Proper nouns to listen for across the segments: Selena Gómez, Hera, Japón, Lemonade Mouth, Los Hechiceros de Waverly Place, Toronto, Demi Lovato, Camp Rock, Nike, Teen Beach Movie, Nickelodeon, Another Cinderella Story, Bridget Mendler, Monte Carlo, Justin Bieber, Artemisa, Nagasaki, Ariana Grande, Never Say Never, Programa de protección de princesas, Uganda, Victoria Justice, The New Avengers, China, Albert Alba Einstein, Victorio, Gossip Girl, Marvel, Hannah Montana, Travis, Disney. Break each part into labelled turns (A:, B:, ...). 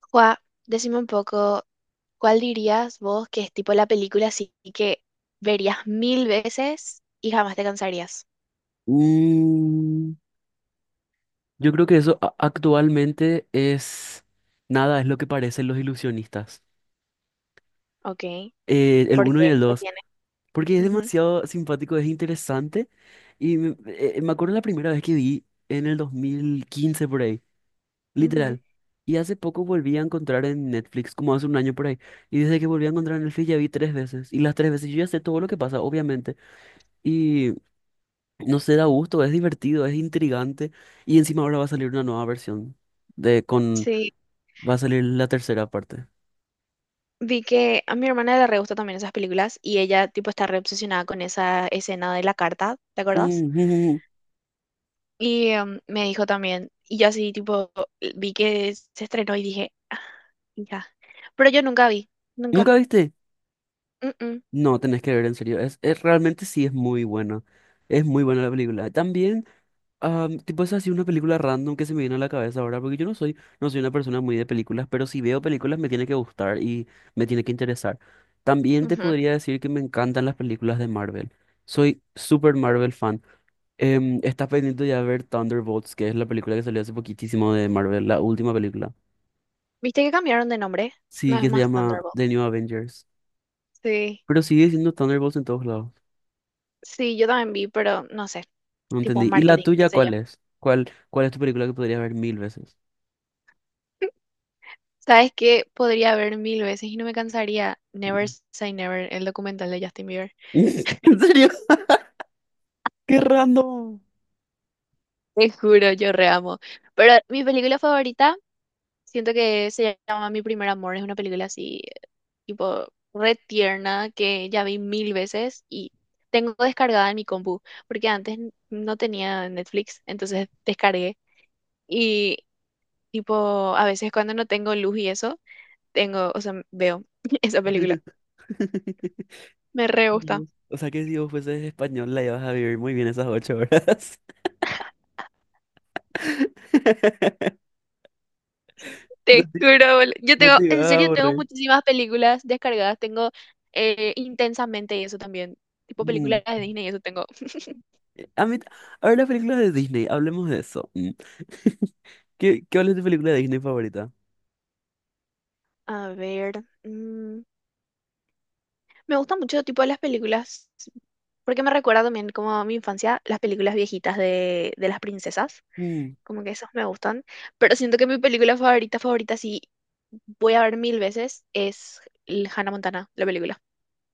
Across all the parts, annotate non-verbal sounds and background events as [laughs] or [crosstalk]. A: Juá, decime un poco, ¿cuál dirías vos que es tipo la película así que verías mil veces y jamás te cansarías?
B: Mm, yo creo que eso actualmente es nada, es lo que parecen los ilusionistas.
A: Ok,
B: El
A: ¿por
B: uno y
A: qué?
B: el
A: ¿Qué
B: dos,
A: tiene?
B: porque es
A: Ujú,
B: demasiado simpático, es interesante. Y me acuerdo la primera vez que vi en el 2015 por ahí,
A: ujú.
B: literal. Y hace poco volví a encontrar en Netflix, como hace un año por ahí. Y desde que volví a encontrar en Netflix ya vi tres veces. Y las tres veces yo ya sé todo lo que pasa, obviamente. No sé, da gusto, es divertido, es intrigante. Y encima ahora va a salir una nueva versión de con
A: Sí,
B: va a salir la tercera parte.
A: vi que a mi hermana le re gusta también esas películas y ella tipo está re obsesionada con esa escena de la carta, ¿te acordás?
B: Ujú. [laughs]
A: Y me dijo también, y yo así tipo vi que se estrenó y dije, "Ah, ya, pero yo nunca vi, nunca."
B: ¿Nunca viste?
A: Mm, mm,
B: No, tenés que ver en serio. Es, realmente sí es muy buena. Es muy buena la película. También, ah, tipo es así una película random que se me viene a la cabeza ahora, porque yo no soy una persona muy de películas, pero si veo películas me tiene que gustar y me tiene que interesar. También te
A: ujú.
B: podría decir que me encantan las películas de Marvel. Soy super Marvel fan. ¿Estás pendiente de ya de ver Thunderbolts, que es la película que salió hace poquitísimo de Marvel, la última película?
A: ¿Viste que cambiaron de nombre? No
B: Sí,
A: es
B: que se
A: más
B: llama
A: Thunderbolt.
B: The New Avengers.
A: Sí,
B: Pero sigue siendo Thunderbolts en todos lados.
A: sí, yo también vi, pero no sé,
B: No
A: tipo
B: entendí. ¿Y la
A: marketing, qué
B: tuya
A: sé
B: cuál es? ¿Cuál es tu película que podrías ver mil veces?
A: yo. [laughs] ¿Sabes qué? Podría ver mil veces y no me cansaría Never
B: Mm.
A: Say Never, el documental de Justin Bieber.
B: [laughs] ¿En serio? ¡Qué random!
A: Te juro, yo re amo. Pero mi película favorita, siento que se llama Mi Primer Amor, es una película así, tipo, re tierna, que ya vi mil veces y tengo descargada en mi compu, porque antes no tenía Netflix, entonces descargué. Y, tipo, a veces cuando no tengo luz y eso tengo, o sea, veo [laughs] esa película.
B: [laughs]
A: Me re gusta.
B: Dios. O sea que si vos fueses español la ibas a vivir muy bien esas ocho horas. [laughs] No
A: Te
B: te,
A: juro, yo
B: no
A: tengo,
B: te ibas
A: en
B: a
A: serio, tengo
B: aburrir.
A: muchísimas películas descargadas. Tengo intensamente y eso también. Tipo
B: Mm.
A: películas de Disney y eso tengo.
B: A mí, a ver las películas de Disney, hablemos de eso. Mm. [laughs] ¿Qué, qué cuál es tu película de Disney favorita?
A: A ver, mm, me gusta mucho tipo de las películas, porque me recuerda también como a mi infancia, las películas viejitas de las princesas.
B: Mm,
A: Como que esas me gustan. Pero siento que mi película favorita, favorita, sí, voy a ver mil veces, es el Hannah Montana, la película.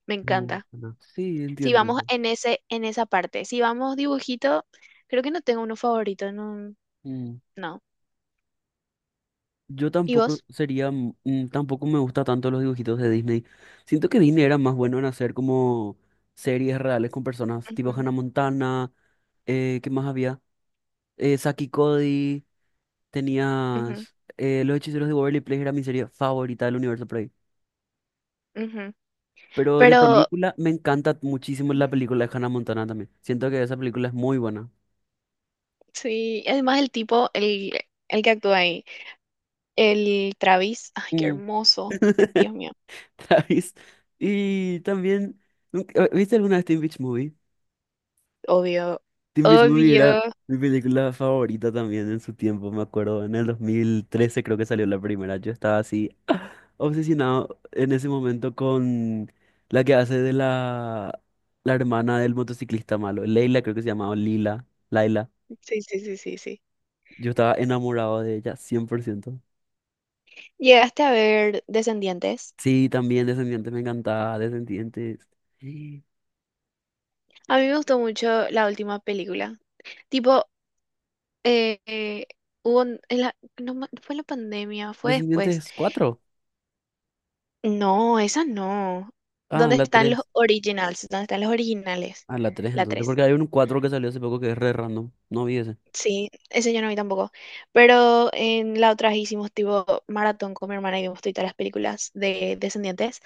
A: Me
B: no,
A: encanta.
B: no, sí,
A: Si
B: entiendo
A: vamos
B: eso.
A: en ese, en esa parte. Si vamos dibujito, creo que no tengo uno favorito, no.
B: Mm.
A: No.
B: Yo
A: ¿Y
B: tampoco
A: vos?
B: sería, tampoco me gusta tanto los dibujitos de Disney. Siento que Disney era más bueno en hacer como series reales con personas, tipo
A: Ujú,
B: Hannah Montana, ¿qué más había? Saki y Cody,
A: ujú,
B: tenías Los Hechiceros de Waverly Place, era mi serie favorita del universo.
A: ujú.
B: Pero de
A: Pero
B: película, me encanta muchísimo la película de Hannah Montana también. Siento que esa película es muy buena.
A: sí, además el tipo, el que actúa ahí, el Travis, ay, qué
B: Mm.
A: hermoso.
B: [laughs]
A: Dios mío.
B: ¿Sabes? Y también, ¿viste alguna vez Teen Beach Movie?
A: Obvio.
B: Teen Beach Movie era
A: Obvio.
B: mi película favorita también en su tiempo, me acuerdo. En el 2013 creo que salió la primera. Yo estaba así [gasps] [laughs] obsesionado en ese momento con la que hace de la hermana del motociclista malo. Leila creo que se llamaba, o Lila, Laila.
A: Sí, sí, sí, sí, sí.
B: Yo estaba enamorado de ella, 100%.
A: ¿Llegaste a ver Descendientes?
B: Sí, también Descendientes me encantaba, Descendientes. Sí.
A: A mí me gustó mucho la última película. Tipo, eh, eh, hubo, no, fue en la pandemia, fue después.
B: Descendientes cuatro.
A: No, esa no.
B: Ah,
A: ¿Dónde
B: la
A: están los
B: tres.
A: originals? ¿Dónde están los originales?
B: Ah, la tres
A: La
B: entonces,
A: 3,
B: porque hay un 4 que salió hace poco que es re random. No vi ese.
A: sí, ese yo no vi tampoco. Pero en la otra hicimos tipo maratón con mi hermana y vimos todas las películas de Descendientes.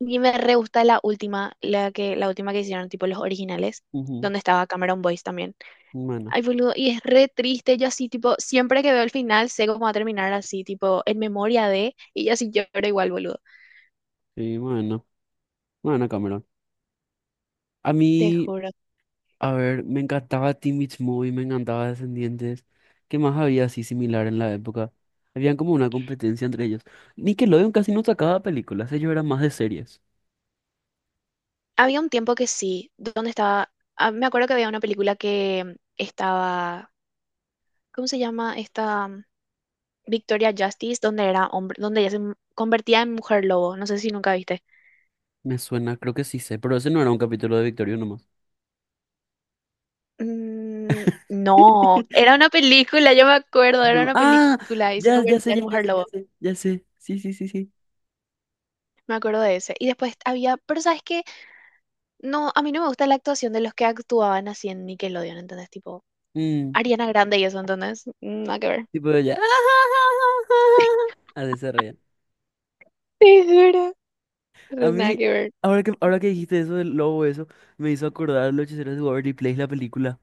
A: Y me re gusta la última, la última que hicieron, tipo los originales,
B: Ujú.
A: donde estaba Cameron Boyce también.
B: Bueno,
A: Ay, boludo, y es re triste. Yo así, tipo, siempre que veo el final, sé cómo va a terminar así, tipo, en memoria de, y yo así lloro igual, boludo.
B: sí, bueno. Bueno, Cameron. A
A: Te
B: mí,
A: juro.
B: a ver, me encantaba Teen Beach Movie, me encantaba Descendientes. ¿Qué más había así similar en la época? Habían como una competencia entre ellos. Nickelodeon casi no sacaba películas, ellos eran más de series.
A: Había un tiempo que sí, donde estaba, ah, me acuerdo que había una película que estaba, ¿cómo se llama? Esta mm, Victoria Justice, donde era hombre, donde ella convertía en mujer lobo, no sé si nunca viste.
B: Me suena, creo que sí sé, pero ese no era un capítulo de Victorio nomás.
A: Mm, no,
B: [laughs]
A: era una película, yo me acuerdo, era
B: No.
A: una
B: Ah,
A: película y se
B: ya, ya sé,
A: convertía
B: ya,
A: en
B: ya
A: mujer
B: sé, ya
A: lobo.
B: sé, ya sé. Sí, sí, sí, sí.
A: Me acuerdo de ese. Y después había, pero ¿sabes qué? No, a mí no me gusta la actuación de los que actuaban así en Nickelodeon, ¿entendés? Tipo,
B: Mm,
A: Ariana Grande y eso, ¿entendés? Nada que ver.
B: tipo ya. [laughs] Así se reían.
A: Te juro.
B: A
A: Re nada
B: mí,
A: que ver.
B: ahora que dijiste eso del lobo, eso, me hizo acordar Los Hechiceros de Waverly Place, la película.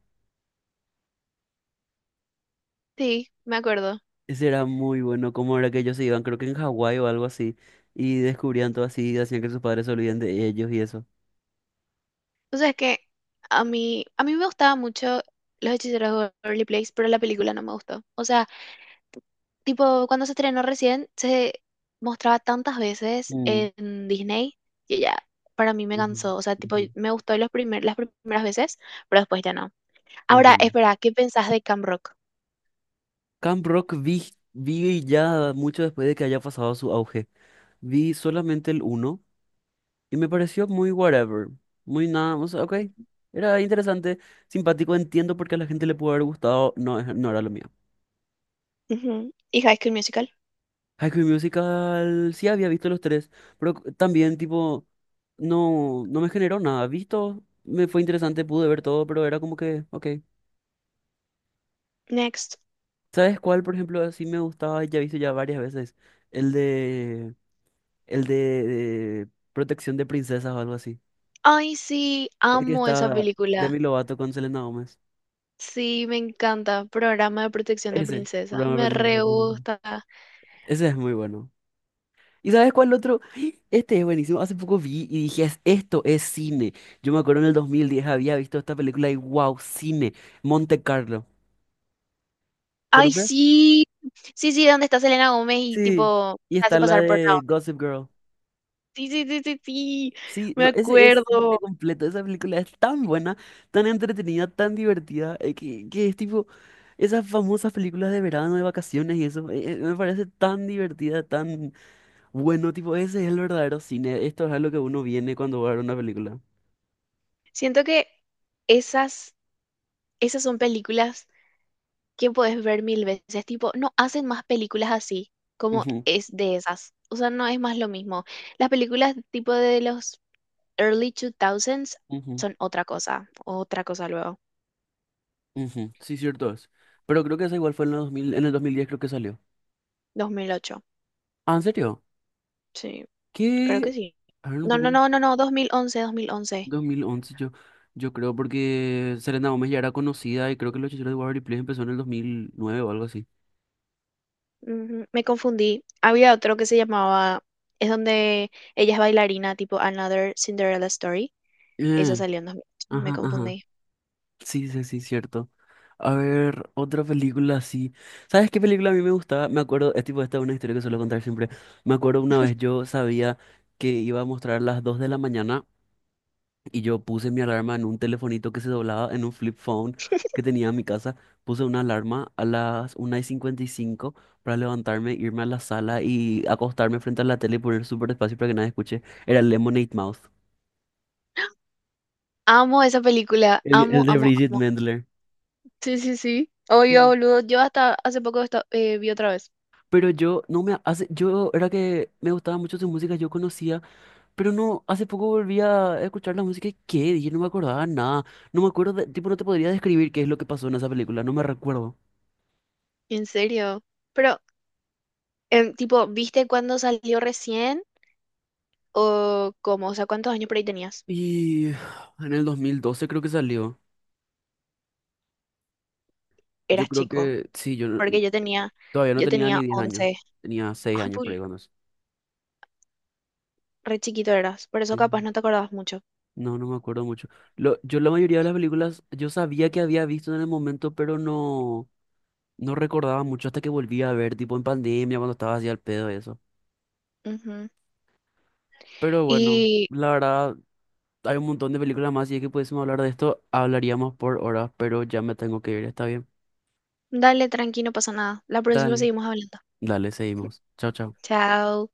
A: Sí, me acuerdo.
B: Ese era muy bueno, como era que ellos se iban, creo que en Hawái o algo así, y descubrían todo así, y hacían que sus padres se olviden de ellos y eso.
A: O sea, es que a mí me gustaba mucho Los Hechiceros de Waverly Place, pero la película no me gustó. O sea, tipo, cuando se estrenó recién, se mostraba tantas veces
B: Mm,
A: en Disney que ya para mí me
B: ujú,
A: cansó. O sea, tipo,
B: ujú,
A: me gustó los primer, las primeras veces, pero después ya no. Ahora,
B: entiendo.
A: espera, ¿qué pensás de Camp Rock?
B: Camp Rock vi, ya mucho después de que haya pasado su auge. Vi solamente el uno. Y me pareció muy whatever, muy nada, o sea, ok, era interesante, simpático, entiendo por qué a la gente le pudo haber gustado, no, no era lo mío.
A: Ujú. Y High School Musical.
B: High School Musical, sí había visto los tres, pero también, tipo, no me generó nada, visto, me fue interesante, pude ver todo, pero era como que, ok.
A: Next.
B: ¿Sabes cuál, por ejemplo, así me gustaba, ya he visto ya varias veces? El de, de protección de princesas o algo así.
A: Ay, sí,
B: El que
A: amo esa
B: está
A: película.
B: Demi Lovato con Selena Gómez.
A: Sí, me encanta. Programa de protección de
B: Ese,
A: princesas.
B: programa de
A: Me
B: protección para
A: re
B: princesas.
A: gusta.
B: Ese es muy bueno. ¿Y sabes cuál otro? [gasps] Este es buenísimo. Hace poco vi y dije, esto es cine. Yo me acuerdo en el 2010 había visto esta película y wow, cine. Monte Carlo.
A: Ay,
B: ¿Conoces?
A: sí, sí, sí, ¿dónde está Selena Gómez y
B: Sí.
A: tipo
B: Y
A: se hace
B: está la
A: pasar por la
B: de
A: otra?
B: Gossip Girl.
A: Sí, sí, sí, sí, sí,
B: Sí,
A: me
B: no, ese es cine
A: acuerdo.
B: completo. Esa película es tan buena, tan entretenida, tan divertida, que es tipo esas famosas películas de verano, de vacaciones y eso. Me parece tan divertida, tan bueno. Tipo, ese es el verdadero cine. Esto es a lo que uno viene cuando va a ver una película.
A: Siento que esas, esas son películas que puedes ver mil veces, tipo, no hacen más películas así como
B: Ujú.
A: es de esas. O sea, no es más lo mismo. Las películas tipo de los early 2000s
B: Ujú,
A: son otra cosa luego.
B: ujú. Sí, cierto es. Pero creo que esa igual fue en el 2000 en el 2010 creo que salió.
A: 2008.
B: Ah, ¿en serio?
A: Sí, creo que
B: ¿Qué?
A: sí.
B: A ver un
A: No, no,
B: poco.
A: no, no, no, dos mil once dos mil once.
B: Dos mil once yo, yo creo porque Selena Gómez ya era conocida y creo que Los Hechiceros de Waverly Place empezó en el 2009 o algo así.
A: Ujú, me confundí. Había otro que se llamaba, es donde ella es bailarina, tipo Another Cinderella Story. Esa
B: Eh,
A: salió en 2008. Me
B: ajá, ajá.
A: confundí.
B: Sí, sí, sí, cierto. A ver, otra película así. ¿Sabes qué película a mí me gustaba? Me acuerdo, es tipo, esta es una historia que suelo contar siempre. Me acuerdo una vez yo sabía que iba a mostrar a las 2 de la mañana. Y yo puse mi alarma en un telefonito que se doblaba, en un flip phone que tenía en mi casa. Puse una alarma a las 1:55 para levantarme, irme a la sala y acostarme frente a la tele y poner súper despacio para que nadie escuche. Era Lemonade Mouth,
A: Amo esa película. Amo,
B: el de
A: amo,
B: Bridget
A: amo.
B: Mendler.
A: Sí, sí, sí. Obvio,
B: Mm.
A: boludo. Yo hasta hace poco vi otra vez.
B: Pero yo no me hace, yo era que me gustaba mucho su música, yo conocía, pero no, hace poco volví a escuchar la música y qué, yo no me acordaba nada, no me acuerdo, tipo, no te podría describir qué es lo que pasó en esa película, no me recuerdo.
A: En serio. Pero, tipo, ¿viste cuándo salió recién? ¿O cómo? O sea, ¿cuántos años por ahí tenías?
B: Y en el 2012 creo que salió. Yo
A: Eras
B: creo
A: chico.
B: que sí, yo no-
A: Porque
B: todavía no
A: yo
B: tenía
A: tenía
B: ni 10 años.
A: 11.
B: Tenía 6
A: Ay,
B: años por ahí
A: re chiquito eras. Por eso
B: Sí.
A: capaz no te acordabas mucho.
B: No, no me acuerdo mucho. Lo, yo la mayoría de las películas yo sabía que había visto en el momento, pero no, no recordaba mucho hasta que volví a ver, tipo en pandemia, cuando estaba así al pedo y eso.
A: Ujú.
B: Pero bueno,
A: Y
B: la verdad, hay un montón de películas más y es que pudiésemos hablar de esto, hablaríamos por horas, pero ya me tengo que ir, está bien.
A: dale, tranqui, no pasa nada. La próxima
B: Dale.
A: seguimos hablando.
B: Dale, seguimos. Chao, chao.
A: Chao.